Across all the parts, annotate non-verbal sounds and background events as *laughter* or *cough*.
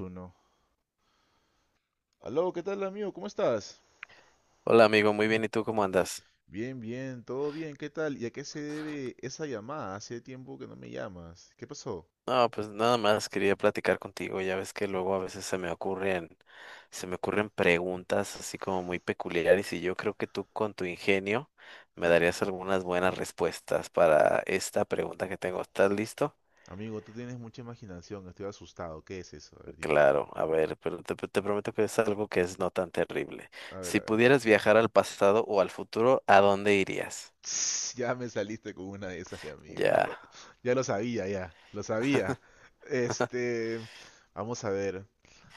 Uno. Aló, ¿qué tal amigo? ¿Cómo estás? Hola amigo, muy bien, ¿y tú cómo andas? Bien, bien, todo bien, ¿qué tal? ¿Y a qué se debe esa llamada? Hace tiempo que no me llamas. ¿Qué pasó? No, pues nada más quería platicar contigo, ya ves que luego a veces se me ocurren preguntas así como muy peculiares y yo creo que tú con tu ingenio me darías algunas buenas respuestas para esta pregunta que tengo. ¿Estás listo? Amigo, tú tienes mucha imaginación, estoy asustado. ¿Qué es eso? A ver, dime, cuenta, Claro, a cuenta. ver, pero te prometo que es algo que es no tan terrible. A ver, a Si ver. pudieras viajar al pasado o al futuro, ¿a dónde irías? *laughs* Ya me saliste con una de esas, ya, amigo. Ya. *laughs* Ya lo sabía, ya, lo sabía. Este, vamos a ver,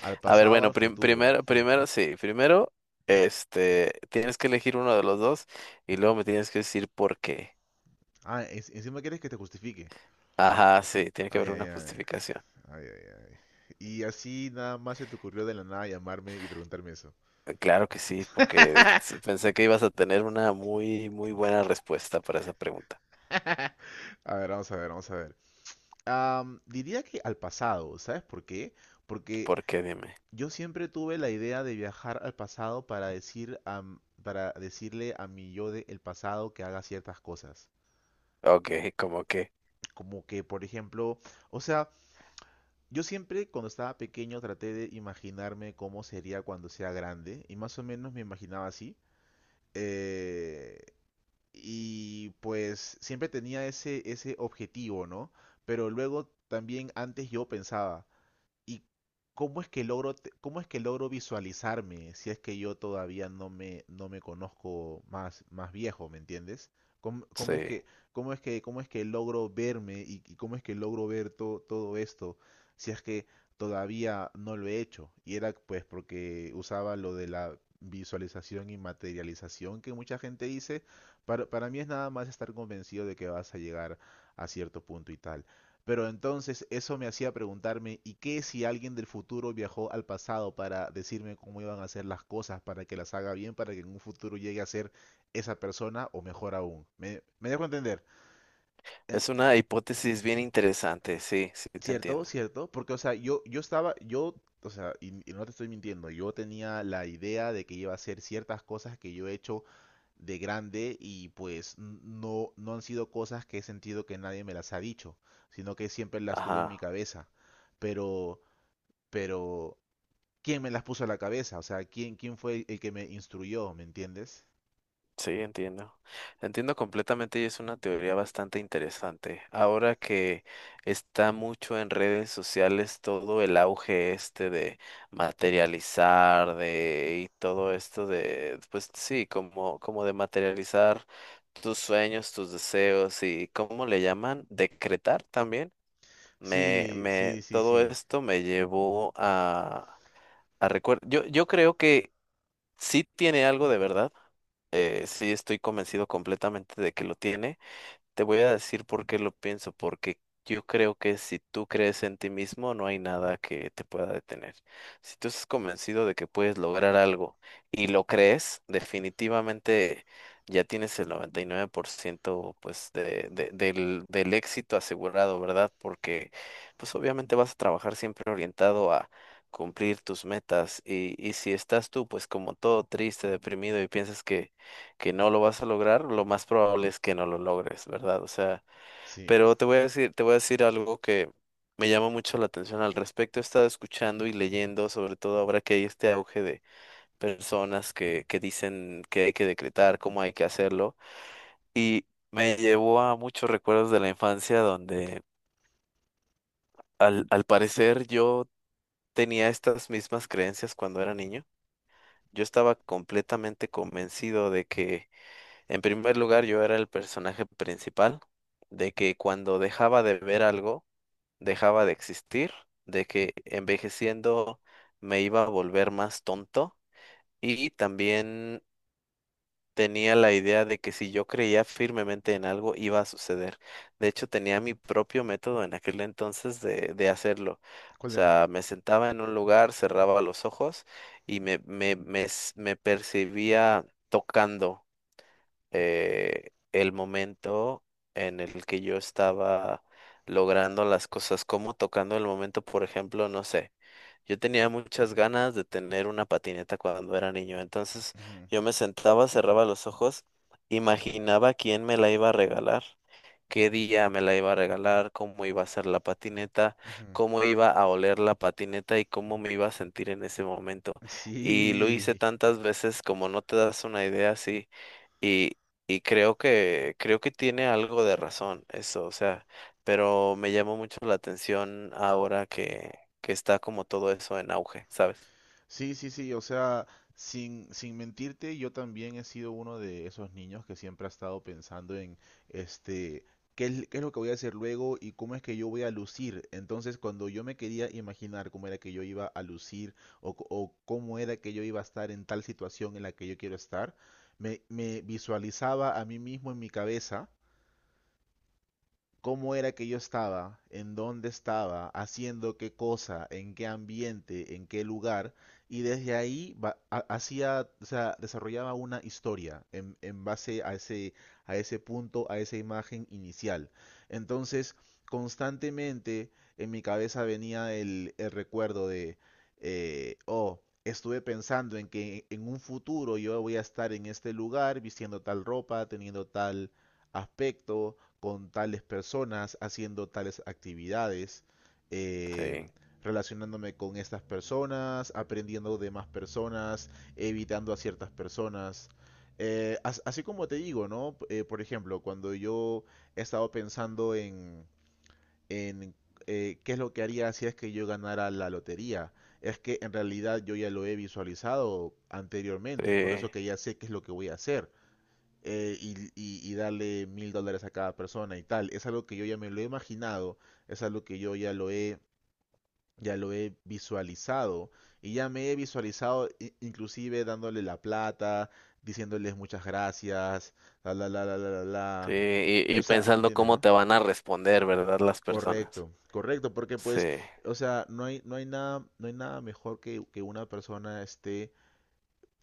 al A ver, pasado, bueno, al futuro. Hmm. Sí, primero, tienes que elegir uno de los dos y luego me tienes que decir por qué. Ah, encima quieres que te justifique. Ajá, sí, tiene que Ay, haber ay, una ay. justificación. Ay, ay, ay. Y así nada más se te ocurrió de la nada llamarme y preguntarme eso. Claro que sí, porque pensé que ibas a tener una muy, muy buena respuesta para esa pregunta. A ver, vamos a ver, vamos a ver. Diría que al pasado, ¿sabes por qué? Porque ¿Por qué? Dime. yo siempre tuve la idea de viajar al pasado para decirle a mi yo del pasado que haga ciertas cosas. Ok, como que, Como que, por ejemplo, o sea, yo siempre cuando estaba pequeño traté de imaginarme cómo sería cuando sea grande y más o menos me imaginaba así. Eh, y pues siempre tenía ese objetivo, ¿no? Pero luego también antes yo pensaba, ¿y cómo es que logro visualizarme si es que yo todavía no me conozco más viejo? ¿Me entiendes? ¿Cómo es sí. que, cómo es que, cómo es que logro verme y cómo es que logro ver todo esto si es que todavía no lo he hecho? Y era pues porque usaba lo de la visualización y materialización que mucha gente dice. Para mí es nada más estar convencido de que vas a llegar a cierto punto y tal. Pero entonces eso me hacía preguntarme, ¿y qué si alguien del futuro viajó al pasado para decirme cómo iban a hacer las cosas, para que las haga bien, para que en un futuro llegue a ser esa persona o mejor aún? Me dejo entender. Eh, Es una hipótesis bien interesante, sí, sí, te ¿Cierto? entiendo. ¿Cierto? Porque, o sea, o sea, y no te estoy mintiendo, yo tenía la idea de que iba a hacer ciertas cosas que yo he hecho de grande y pues no han sido cosas que he sentido que nadie me las ha dicho, sino que siempre las tuve en mi Ajá. cabeza. Pero pero ¿quién me las puso a la cabeza? O sea, ¿quién, quién fue el que me instruyó? ¿Me entiendes? Sí, entiendo. Entiendo completamente y es una teoría bastante interesante. Ahora que está mucho en redes sociales todo el auge este de materializar, de y todo esto de, pues sí, como, como de materializar tus sueños, tus deseos y ¿cómo le llaman? Decretar también. Sí, sí, sí, Todo sí, esto me llevó a, yo creo que sí tiene algo de verdad sí, estoy convencido completamente de que lo tiene. Te voy a decir por qué lo pienso, porque yo creo que si tú crees en ti mismo, no hay nada que te pueda detener. Si tú estás convencido de que puedes lograr algo y lo crees, definitivamente ya tienes el 99%, pues de, del éxito asegurado, ¿verdad? Porque pues obviamente vas a trabajar siempre orientado a cumplir tus metas y si estás tú pues como todo triste, deprimido y piensas que no lo vas a lograr, lo más probable es que no lo logres, ¿verdad? O sea, sí. pero te voy a decir algo que me llama mucho la atención al respecto. He estado escuchando y leyendo, sobre todo ahora que hay este auge de personas que dicen que hay que decretar, cómo hay que hacerlo, y me llevó a muchos recuerdos de la infancia donde al parecer yo tenía estas mismas creencias cuando era niño. Yo estaba completamente convencido de que en primer lugar, yo era el personaje principal, de que cuando dejaba de ver algo, dejaba de existir, de que envejeciendo me iba a volver más tonto y también tenía la idea de que si yo creía firmemente en algo, iba a suceder. De hecho, tenía mi propio método en aquel entonces de hacerlo. O ¿Cuál era? sea, me sentaba en un lugar, cerraba los ojos y me percibía tocando el momento en el que yo estaba logrando las cosas, como tocando el momento, por ejemplo, no sé, yo tenía muchas ganas de tener una patineta cuando era niño, entonces Ujú, yo me sentaba, cerraba los ojos, ujú, imaginaba quién me la iba a regalar. Qué ujú, día me la iba a regalar, cómo iba a ser la patineta, ujú. cómo iba a oler la patineta y cómo me iba a sentir en ese momento. Y lo hice Sí. tantas veces como no te das una idea así. Y creo que tiene algo de razón eso, o sea, pero me llamó mucho la atención ahora que está como todo eso en auge, ¿sabes? Sí, sí, sí, o sea, sin mentirte, yo también he sido uno de esos niños que siempre ha estado pensando en, este, qué es lo que voy a hacer luego y cómo es que yo voy a lucir. Entonces, cuando yo me quería imaginar cómo era que yo iba a lucir o cómo era que yo iba a estar en tal situación en la que yo quiero estar, me visualizaba a mí mismo en mi cabeza cómo era que yo estaba, en dónde estaba, haciendo qué cosa, en qué ambiente, en qué lugar, y desde ahí hacía, o sea, desarrollaba una historia en base a ese punto, a esa imagen inicial. Entonces, constantemente en mi cabeza venía el recuerdo de, oh, estuve pensando en que en un futuro yo voy a estar en este lugar vistiendo tal ropa, teniendo tal aspecto, con tales personas, haciendo tales actividades, eh, Sí, relacionándome con estas personas, aprendiendo de más personas, evitando a ciertas personas. Así como te digo, ¿no? Por ejemplo, cuando yo he estado pensando en qué es lo que haría si es que yo ganara la lotería, es que en realidad yo ya lo he visualizado anteriormente, es por sí, eso que ya sé qué es lo que voy a hacer, y darle $1000 a cada persona y tal. Es algo que yo ya me lo he imaginado, es algo que yo ya lo he visualizado y ya me he visualizado inclusive dándole la plata, diciéndoles muchas gracias, la la la la la la sí, la. O y sea, pensando ¿entiendes, cómo no? te van a responder, ¿verdad? Las personas. Correcto, correcto, porque Sí, pues, o sea, no hay nada mejor que una persona esté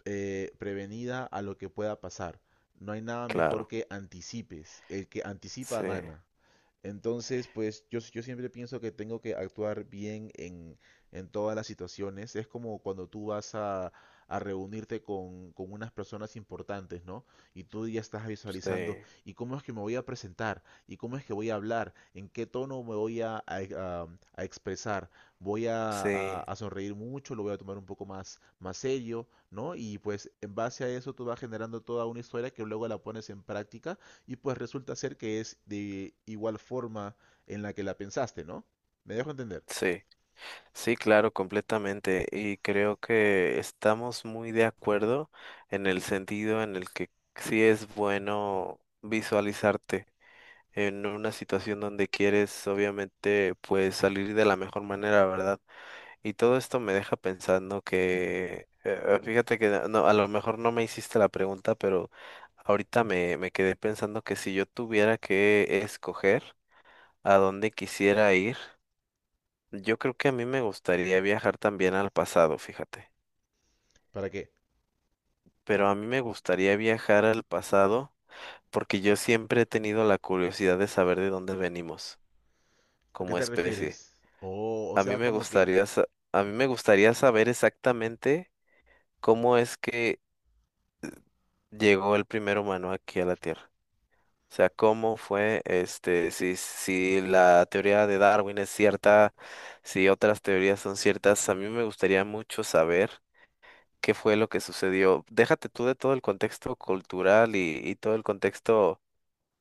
prevenida a lo que pueda pasar. No hay nada mejor claro, que anticipes. El que anticipa sí, gana. Entonces, pues yo siempre pienso que tengo que actuar bien en todas las situaciones. Es como cuando tú vas a reunirte con unas personas importantes, ¿no? Y tú ya estás sí, visualizando, ¿y cómo es que me voy a presentar? ¿Y cómo es que voy a hablar? ¿En qué tono me voy a- a expresar? ¿Voy sí, a sonreír mucho? ¿Lo voy a tomar un poco más serio, no? Y pues en base a eso tú vas generando toda una historia que luego la pones en práctica y pues resulta ser que es de igual forma en la que la pensaste, ¿no? Me dejo entender. sí, sí, claro, completamente. Y creo que estamos muy de acuerdo en el sentido en el que sí es bueno visualizarte en una situación donde quieres obviamente pues salir de la mejor manera, ¿verdad? Y todo esto me deja pensando que, fíjate que no, no, a lo mejor no me hiciste la pregunta, pero ahorita me quedé pensando que si yo tuviera que escoger a dónde quisiera ir, yo creo que a mí me gustaría viajar también al pasado, fíjate, ¿Para qué? pero a mí me gustaría viajar al pasado porque yo siempre he tenido la curiosidad de saber de dónde venimos ¿A qué como te especie. refieres? Oh, o A mí sea, me como que, gustaría, sa- a mí me gustaría saber exactamente cómo es que llegó el primer humano aquí a la Tierra. O sea, cómo fue, este, si la teoría de Darwin es cierta, si otras teorías son ciertas. A mí me gustaría mucho saber qué fue lo que sucedió. Déjate tú de todo el contexto cultural y todo el contexto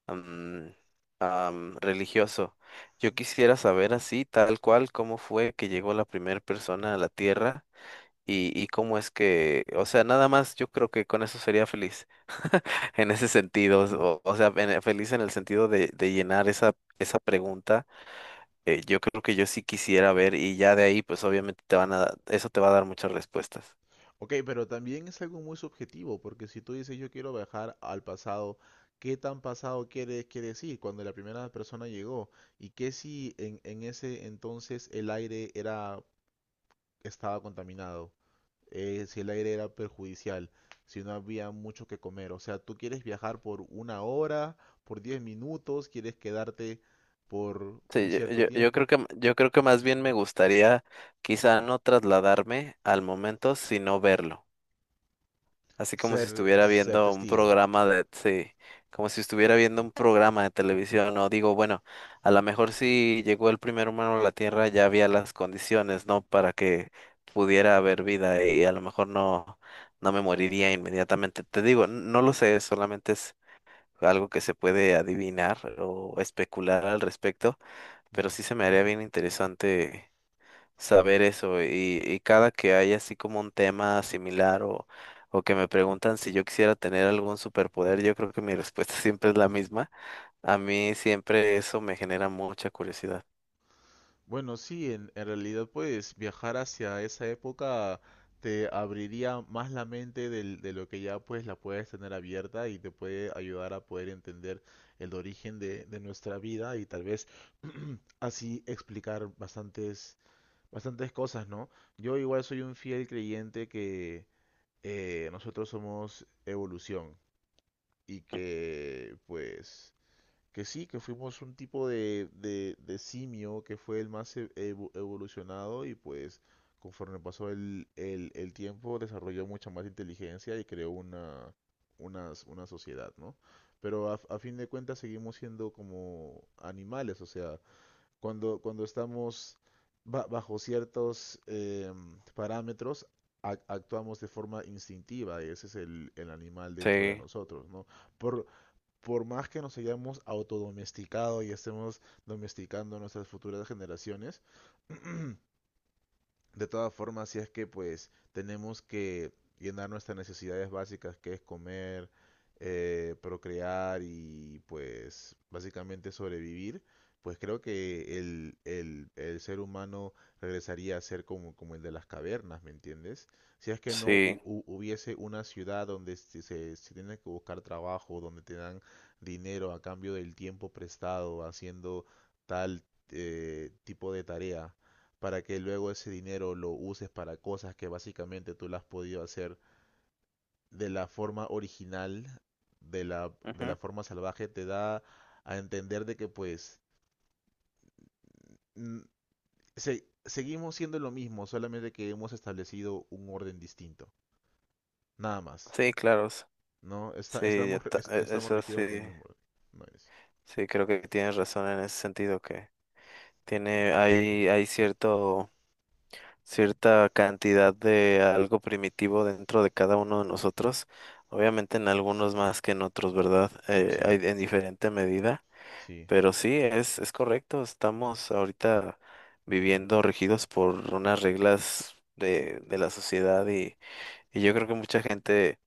am, religioso. Yo quisiera saber así, tal cual, cómo fue que llegó la primera persona a la Tierra y cómo es que, o sea, nada más yo creo que con eso sería feliz *laughs* en ese sentido, o sea, feliz en el sentido de llenar esa, esa pregunta. Yo creo que yo sí quisiera ver y ya de ahí, pues obviamente te van a, eso te va a dar muchas respuestas. ok, pero también es algo muy subjetivo, porque si tú dices yo quiero viajar al pasado, ¿qué tan pasado quiere decir cuando la primera persona llegó? ¿Y qué si en ese entonces el aire estaba contaminado? Eh, si el aire era perjudicial, si no había mucho que comer. O sea, tú quieres viajar por 1 hora, por 10 minutos, quieres quedarte por Sí, un cierto yo creo tiempo, que, yo creo que más bien me gustaría quizá no trasladarme al momento, sino verlo. Así como si ser, estuviera ser viendo un testigo. programa de, sí, como si estuviera viendo un programa de televisión, no digo, bueno, a lo mejor si llegó el primer humano a la Tierra ya había las condiciones, ¿no? Para que pudiera haber vida y a lo mejor no, no me moriría inmediatamente. Te digo, no lo sé, solamente es algo que se puede adivinar o especular al respecto, pero Ujú. sí se me haría bien interesante saber eso y cada que hay así como un tema similar o que me preguntan si yo quisiera tener algún superpoder, yo creo que mi respuesta *laughs* siempre es la misma. A mí siempre eso me genera mucha curiosidad. Bueno, sí, en realidad pues viajar hacia esa época te abriría más la mente de lo que ya pues la puedes tener abierta y te puede ayudar a poder entender el origen de nuestra vida y tal vez *clears throat* así explicar bastantes bastantes cosas, ¿no? Yo igual soy un fiel creyente que nosotros somos evolución y que pues que sí, que fuimos un tipo de simio que fue el más evolucionado y pues conforme pasó el tiempo desarrolló mucha más inteligencia y creó una sociedad, ¿no? Pero a fin de cuentas seguimos siendo como animales, o sea, cuando estamos bajo ciertos parámetros, actuamos de forma instintiva, y ese es el animal dentro de Sí, nosotros, ¿no? Por, por más que nos hayamos autodomesticado y estemos domesticando a nuestras futuras generaciones, de todas formas, si es que pues tenemos que llenar nuestras necesidades básicas, que es comer, procrear y pues básicamente sobrevivir, pues creo que el ser humano regresaría a ser como, como el de las cavernas, ¿me entiendes? Si es que no sí, hubiese una ciudad donde se tiene que buscar trabajo, donde te dan dinero a cambio del tiempo prestado haciendo tal tipo de tarea para que luego ese dinero lo uses para cosas que básicamente tú las has podido hacer de la forma original, de la ujú, forma salvaje, te da a entender de que pues mm, seguimos siendo lo mismo, solamente que hemos establecido un orden distinto, nada más, sí, claro, ¿no? Sí, Estamos, estamos eso sí, regidos bajo el mismo orden. No es... sí, creo que tienes razón en ese sentido que hay cierto... cierta cantidad de algo primitivo dentro de cada uno de nosotros. Obviamente en algunos más que en otros, ¿verdad? Sí, Hay en diferente medida, sí. pero sí, es correcto. Estamos ahorita viviendo regidos por unas reglas de la sociedad y yo creo que mucha gente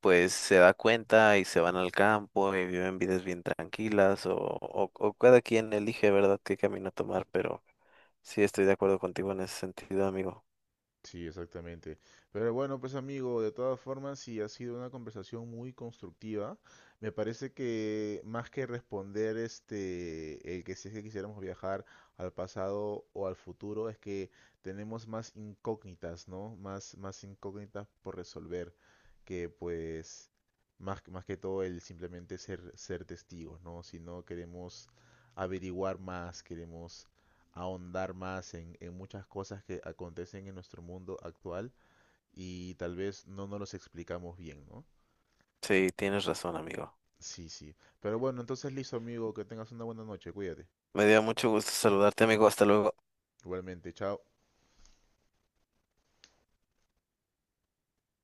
pues se da cuenta y se van al campo y viven vidas bien tranquilas o cada quien elige, ¿verdad?, qué camino tomar, pero sí estoy de acuerdo contigo en ese sentido, amigo. Sí, exactamente. Pero bueno, pues amigo, de todas formas, sí ha sido una conversación muy constructiva. Me parece que más que responder este, el que si es que quisiéramos viajar al pasado o al futuro, es que tenemos más incógnitas, ¿no? Más, más incógnitas por resolver que pues más, más que todo el simplemente ser, ser testigos, ¿no? Si no queremos averiguar más, queremos ahondar más en muchas cosas que acontecen en nuestro mundo actual y tal vez no nos los explicamos bien, ¿no? Sí, tienes razón, amigo. Sí, sí. Pero bueno, entonces listo, amigo, que tengas una buena noche, cuídate. Me dio mucho gusto saludarte, amigo. Hasta luego. Igualmente, chao.